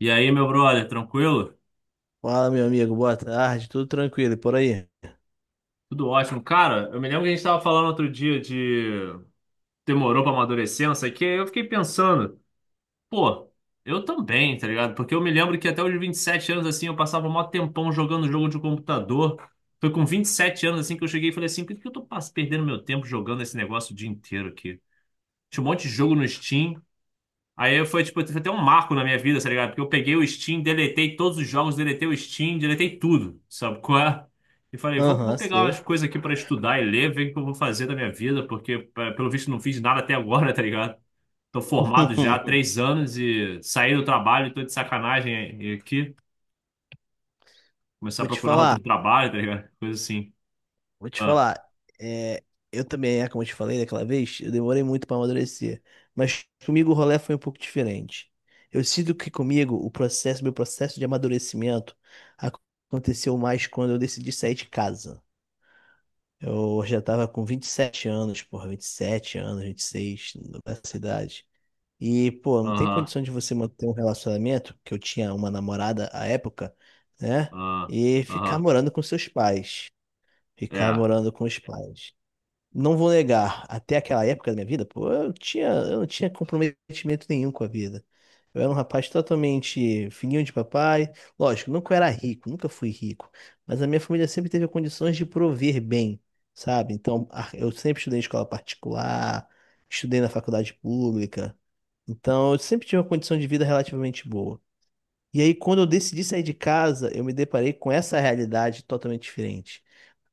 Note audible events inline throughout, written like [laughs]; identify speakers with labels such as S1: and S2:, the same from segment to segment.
S1: E aí, meu brother, tranquilo?
S2: Fala, meu amigo, boa tarde, tudo tranquilo e por aí?
S1: Tudo ótimo. Cara, eu me lembro que a gente tava falando outro dia de demorou pra amadurecer, não sei o quê. Eu fiquei pensando, pô, eu também, tá ligado? Porque eu me lembro que até os 27 anos, assim, eu passava mó tempão jogando jogo de computador. Foi com 27 anos, assim, que eu cheguei e falei assim, por que que eu tô perdendo meu tempo jogando esse negócio o dia inteiro aqui? Tinha um monte de jogo no Steam. Aí foi, tipo, foi até um marco na minha vida, tá ligado? Porque eu peguei o Steam, deletei todos os jogos, deletei o Steam, deletei tudo, sabe qual é? E falei, vou, vou
S2: Aham,
S1: pegar umas
S2: sei.
S1: coisas aqui pra estudar e ler, ver o que eu vou fazer da minha vida, porque pelo visto não fiz nada até agora, [laughs] tá ligado? Tô formado já há
S2: [laughs]
S1: 3 anos e saí do trabalho, tô de sacanagem e aqui, começar a
S2: Vou te
S1: procurar outro
S2: falar,
S1: trabalho, tá ligado? Coisa assim.
S2: vou te
S1: Ah,
S2: falar. É, eu também, como eu te falei daquela vez, eu demorei muito para amadurecer. Mas comigo o rolê foi um pouco diferente. Eu sinto que comigo meu processo de amadurecimento ac- aconteceu mais quando eu decidi sair de casa. Eu já estava com 27 anos, porra, 27 anos, 26 nessa idade. E, pô, não tem
S1: aham,
S2: condição de você manter um relacionamento, que eu tinha uma namorada à época, né?
S1: ah,
S2: E ficar
S1: aham,
S2: morando com seus pais. Ficar
S1: é,
S2: morando com os pais. Não vou negar, até aquela época da minha vida, pô, eu não tinha comprometimento nenhum com a vida. Eu era um rapaz totalmente filhinho de papai. Lógico, nunca era rico, nunca fui rico. Mas a minha família sempre teve condições de prover bem, sabe? Então, eu sempre estudei em escola particular, estudei na faculdade pública. Então, eu sempre tive uma condição de vida relativamente boa. E aí, quando eu decidi sair de casa, eu me deparei com essa realidade totalmente diferente.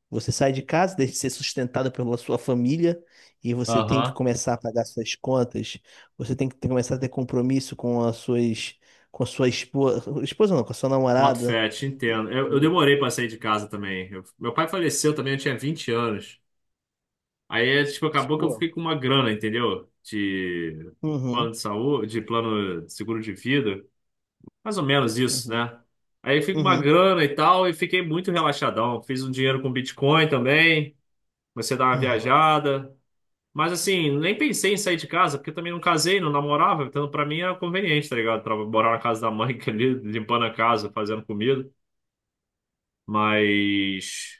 S2: Você sai de casa, deixa de ser sustentado pela sua família, e você tem que
S1: aham.
S2: começar a pagar suas contas, você tem que começar a ter compromisso com as suas, com a sua esposa, esposa não, com a sua
S1: Boto
S2: namorada.
S1: fé, te entendo. Eu
S2: E,
S1: demorei pra sair de casa também. Meu pai faleceu também, eu tinha 20 anos. Aí, é, tipo, acabou que eu
S2: pô,
S1: fiquei com uma grana, entendeu? De plano
S2: uhum,
S1: de saúde, de plano de seguro de vida. Mais ou menos isso,
S2: uhum,
S1: né? Aí fico com uma
S2: uhum,
S1: grana e tal, e fiquei muito relaxadão. Fiz um dinheiro com Bitcoin também. Comecei a dar uma
S2: uhum.
S1: viajada. Mas assim, nem pensei em sair de casa, porque eu também não casei, não namorava. Então, pra mim era conveniente, tá ligado? Pra morar na casa da mãe, [laughs] ali, limpando a casa, fazendo comida. Mas.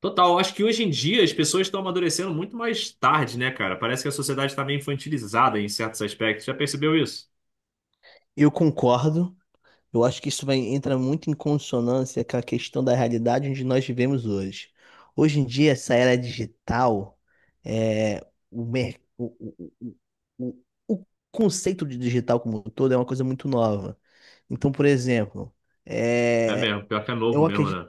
S1: Total, acho que hoje em dia as pessoas estão amadurecendo muito mais tarde, né, cara? Parece que a sociedade está meio infantilizada em certos aspectos. Já percebeu isso?
S2: Eu concordo. Eu acho que entra muito em consonância com a questão da realidade onde nós vivemos hoje. Hoje em dia, essa era digital, é, o, mer- o, o, o o conceito de digital como um todo é uma coisa muito nova. Então, por exemplo,
S1: É
S2: é,
S1: mesmo, pior que é novo
S2: eu
S1: mesmo,
S2: acredito
S1: né?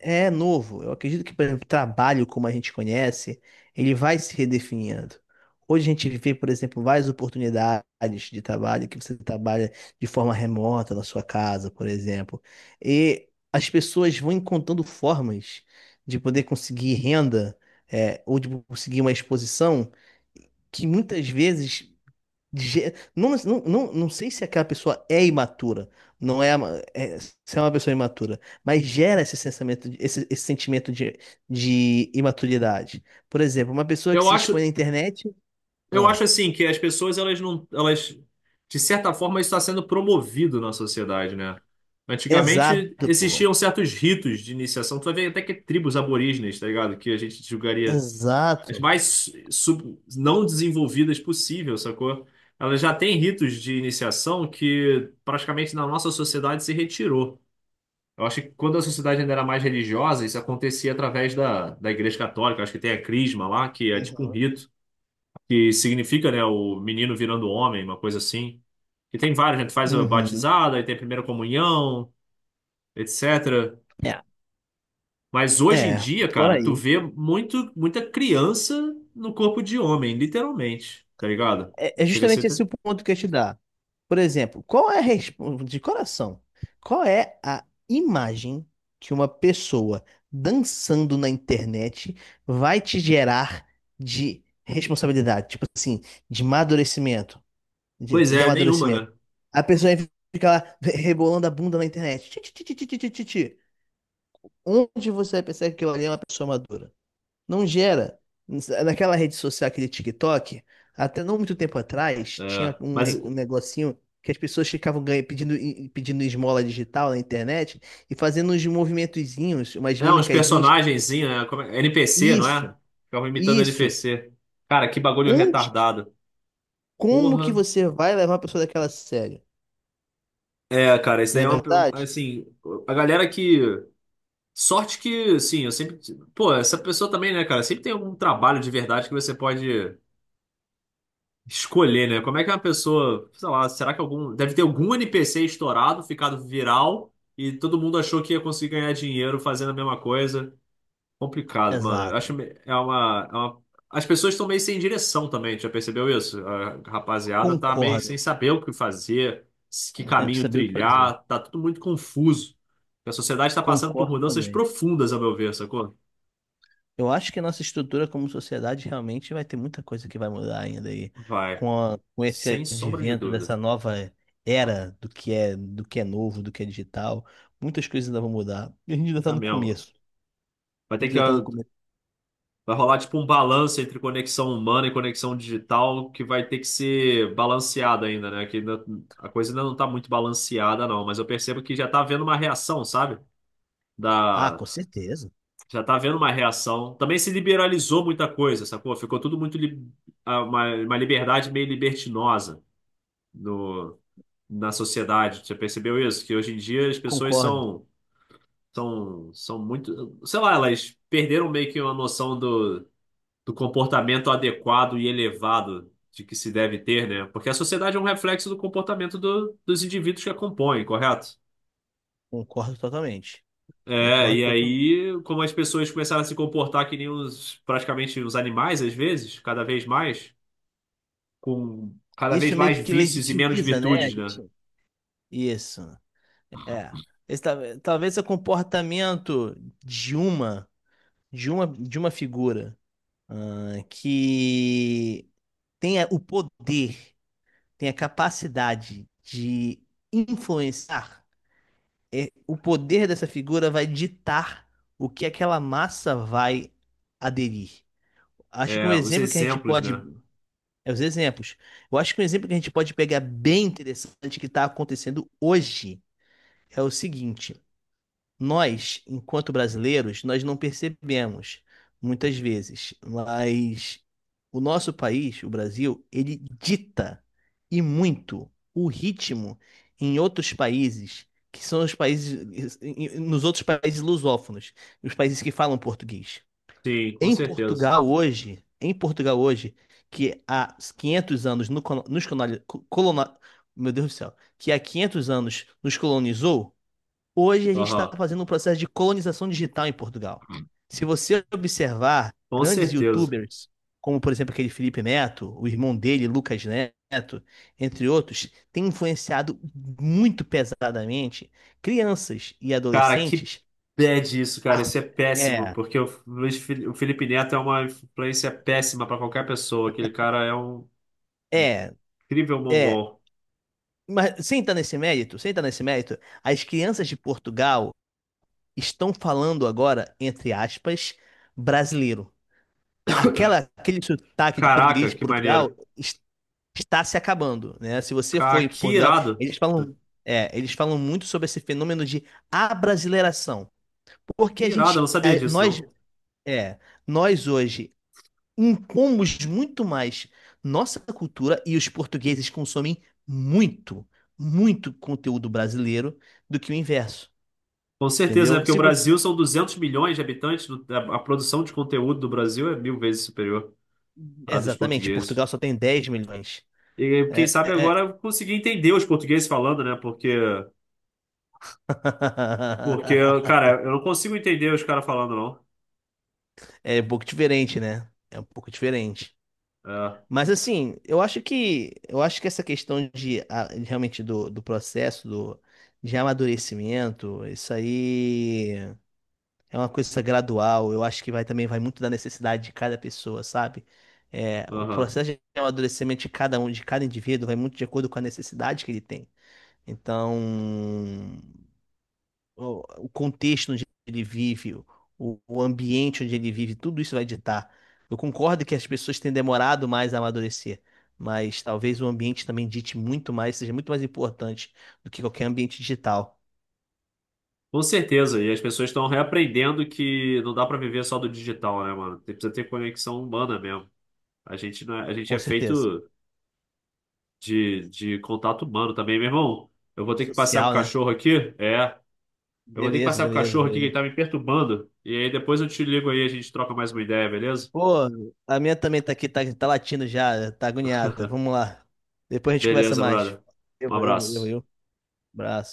S2: é novo. Eu acredito que, por exemplo, trabalho como a gente conhece, ele vai se redefinindo. Hoje a gente vê, por exemplo, várias oportunidades de trabalho que você trabalha de forma remota na sua casa, por exemplo. E as pessoas vão encontrando formas de poder conseguir renda, ou de conseguir uma exposição que muitas vezes Não, não, não, não sei se aquela pessoa é imatura, não é, ama- é- se é uma pessoa imatura, mas gera esse sensamento, esse sentimento de imaturidade. Por exemplo, uma pessoa que
S1: Eu
S2: se expõe
S1: acho,
S2: na internet.
S1: eu
S2: Ah,
S1: acho assim que as pessoas, elas não, elas, de certa forma, isso está sendo promovido na sociedade, né? Antigamente
S2: exato, pô.
S1: existiam certos ritos de iniciação. Tu vai ver até que tribos aborígenes, tá ligado? Que a gente julgaria as
S2: Exato.
S1: mais não desenvolvidas possível, sacou? Ela já tem ritos de iniciação que praticamente na nossa sociedade se retirou. Eu acho que quando a sociedade ainda era mais religiosa, isso acontecia através da Igreja Católica. Eu acho que tem a crisma lá, que é tipo um
S2: Uhum.
S1: rito, que significa, né, o menino virando homem, uma coisa assim. E tem vários, né? Tu faz a
S2: Uhum.
S1: batizada, aí tem a primeira comunhão, etc.
S2: É,
S1: Mas hoje em
S2: é,
S1: dia,
S2: por
S1: cara, tu
S2: aí.
S1: vê muito, muita criança no corpo de homem, literalmente, tá ligado?
S2: É
S1: Chega a ser,
S2: justamente
S1: até-.
S2: esse o ponto que eu ia te dar. Por exemplo, qual é a resp- de coração? Qual é a imagem que uma pessoa dançando na internet vai te gerar de responsabilidade? Tipo assim, de amadurecimento,
S1: Pois
S2: de
S1: é, nenhuma,
S2: amadurecimento.
S1: né?
S2: A pessoa fica lá rebolando a bunda na internet. Ti, ti, ti, ti, ti, ti, ti, ti. Onde você vai pensar que aquilo ali é uma pessoa madura? Não gera. Naquela rede social, aquele TikTok, até não muito tempo atrás, tinha
S1: É, mas
S2: um negocinho que as pessoas pedindo, pedindo esmola digital na internet e fazendo uns movimentozinhos, umas
S1: é uns
S2: mimicazinhas.
S1: personagenzinhos, né? NPC, não é?
S2: Isso,
S1: Ficavam imitando
S2: isso.
S1: NPC. Cara, que bagulho
S2: Onde, que-
S1: retardado.
S2: como que
S1: Porra.
S2: você vai levar a pessoa daquela a sério?
S1: É, cara, isso
S2: Não
S1: daí
S2: é
S1: é uma.
S2: verdade?
S1: Assim, a galera que. Sorte que, assim, eu sempre. Pô, essa pessoa também, né, cara? Sempre tem algum trabalho de verdade que você pode escolher, né? Como é que uma pessoa, sei lá, será que algum, deve ter algum NPC estourado, ficado viral e todo mundo achou que ia conseguir ganhar dinheiro fazendo a mesma coisa? Complicado, mano. Eu acho
S2: Exato.
S1: é uma, as pessoas estão meio sem direção também, já percebeu isso? A rapaziada tá meio
S2: Concordo.
S1: sem saber o que fazer, que
S2: Tem que
S1: caminho
S2: saber o que fazer.
S1: trilhar, tá tudo muito confuso. A sociedade está passando por
S2: Concordo
S1: mudanças
S2: também.
S1: profundas, a meu ver, sacou?
S2: Eu acho que a nossa estrutura como sociedade realmente vai ter muita coisa que vai mudar ainda aí
S1: Vai,
S2: com, com
S1: sem
S2: esse
S1: sombra de
S2: advento
S1: dúvida.
S2: dessa nova era do que é novo, do que é digital. Muitas coisas ainda vão mudar. E a gente ainda está
S1: Tá
S2: no
S1: mesmo.
S2: começo.
S1: Vai
S2: A
S1: ter
S2: gente
S1: que
S2: ainda está no começo.
S1: Vai rolar tipo um balanço entre conexão humana e conexão digital que vai ter que ser balanceado ainda, né? Que a coisa ainda não tá muito balanceada, não. Mas eu percebo que já tá havendo uma reação, sabe?
S2: Ah,
S1: Da,
S2: com certeza.
S1: Já tá havendo uma reação. Também se liberalizou muita coisa, sacou? Ficou tudo muito. Uma liberdade meio libertinosa no, na sociedade. Você percebeu isso? Que hoje em dia as pessoas
S2: Concordo.
S1: são. São muito. Sei lá, elas perderam meio que uma noção do comportamento adequado e elevado de que se deve ter, né? Porque a sociedade é um reflexo do comportamento dos indivíduos que a compõem, correto?
S2: Concordo totalmente.
S1: É,
S2: Concordo
S1: e
S2: totalmente.
S1: aí, como as pessoas começaram a se comportar que nem os, praticamente os animais, às vezes, cada vez mais, com cada vez
S2: Isso meio
S1: mais
S2: que
S1: vícios e menos
S2: legitimiza, né? A
S1: virtudes, né?
S2: gente? Isso. É. Talvez o comportamento de uma, de uma figura que o poder, tem a capacidade de influenciar, o poder dessa figura vai ditar o que aquela massa vai aderir. Acho que um
S1: É, os
S2: exemplo que a gente
S1: exemplos,
S2: pode.
S1: né?
S2: É os exemplos. Eu acho que um exemplo que a gente pode pegar bem interessante que está acontecendo hoje é o seguinte. Nós, enquanto brasileiros, nós não percebemos muitas vezes, mas o nosso país, o Brasil, ele dita e muito o ritmo em outros países, que são os países, nos outros países lusófonos, os países que falam português.
S1: Sim, com certeza.
S2: Em Portugal hoje, que há 500 anos no, colo- nos colonizou, meu Deus do céu, que há 500 anos nos colonizou. Hoje a gente está
S1: Aham,
S2: fazendo um processo de colonização digital em Portugal. Se você observar
S1: com
S2: grandes
S1: certeza.
S2: YouTubers, como por exemplo aquele Felipe Neto, o irmão dele, Lucas Neto, entre outros, tem influenciado muito pesadamente crianças e
S1: Cara, que
S2: adolescentes.
S1: bad isso, cara.
S2: a-
S1: Isso é péssimo,
S2: é,
S1: porque o o Felipe Neto é uma influência péssima pra qualquer pessoa. Aquele cara é um
S2: é,
S1: incrível
S2: é.
S1: mongol.
S2: Mas sem estar nesse mérito, sem estar nesse mérito, as crianças de Portugal estão falando agora, entre aspas, brasileiro. Aquele sotaque de português
S1: Caraca,
S2: de
S1: que
S2: Portugal
S1: maneiro.
S2: está se acabando, né? Se você foi para
S1: Que
S2: Portugal,
S1: irado.
S2: eles falam, eles falam muito sobre esse fenômeno de abrasileiração, porque
S1: Que
S2: a
S1: irado, eu não
S2: gente,
S1: sabia disso, não.
S2: é, nós hoje impomos muito mais nossa cultura e os portugueses consomem muito, muito conteúdo brasileiro do que o inverso,
S1: Com certeza, né?
S2: entendeu?
S1: Porque o
S2: Se você,
S1: Brasil são 200 milhões de habitantes. A produção de conteúdo do Brasil é 1.000 vezes superior à dos
S2: exatamente,
S1: portugueses.
S2: Portugal só tem 10 milhões.
S1: E quem sabe agora
S2: É.
S1: eu consegui entender os portugueses falando, né? Porque,
S2: [laughs]
S1: cara, eu não consigo entender os caras falando, não.
S2: É um pouco diferente, né? É um pouco diferente.
S1: É,
S2: Mas assim, eu acho que essa questão realmente do processo de amadurecimento, isso aí é uma coisa gradual. Eu acho que vai também vai muito da necessidade de cada pessoa, sabe? É, o
S1: aham.
S2: processo de amadurecimento de cada um, de cada indivíduo, vai muito de acordo com a necessidade que ele tem. Então, o contexto onde ele vive, o ambiente onde ele vive, tudo isso vai ditar. Eu concordo que as pessoas têm demorado mais a amadurecer, mas talvez o ambiente também dite muito mais, seja muito mais importante do que qualquer ambiente digital,
S1: Com certeza, e as pessoas estão reaprendendo que não dá para viver só do digital, né, mano? Você precisa ter conexão humana mesmo. A gente não é, a gente
S2: com
S1: é
S2: certeza.
S1: feito de contato humano também, meu irmão. Eu vou ter que passear com o
S2: Social, né?
S1: cachorro aqui? É. Eu vou ter que
S2: Beleza,
S1: passear com o
S2: beleza,
S1: cachorro aqui que ele
S2: beleza.
S1: tá me perturbando. E aí depois eu te ligo aí, a gente troca mais uma ideia, beleza?
S2: Pô, a minha também tá aqui, tá latindo já, tá agoniada. Vamos lá. Depois a gente conversa
S1: Beleza,
S2: mais.
S1: brother. Um
S2: Eu,
S1: abraço.
S2: eu. Abraço.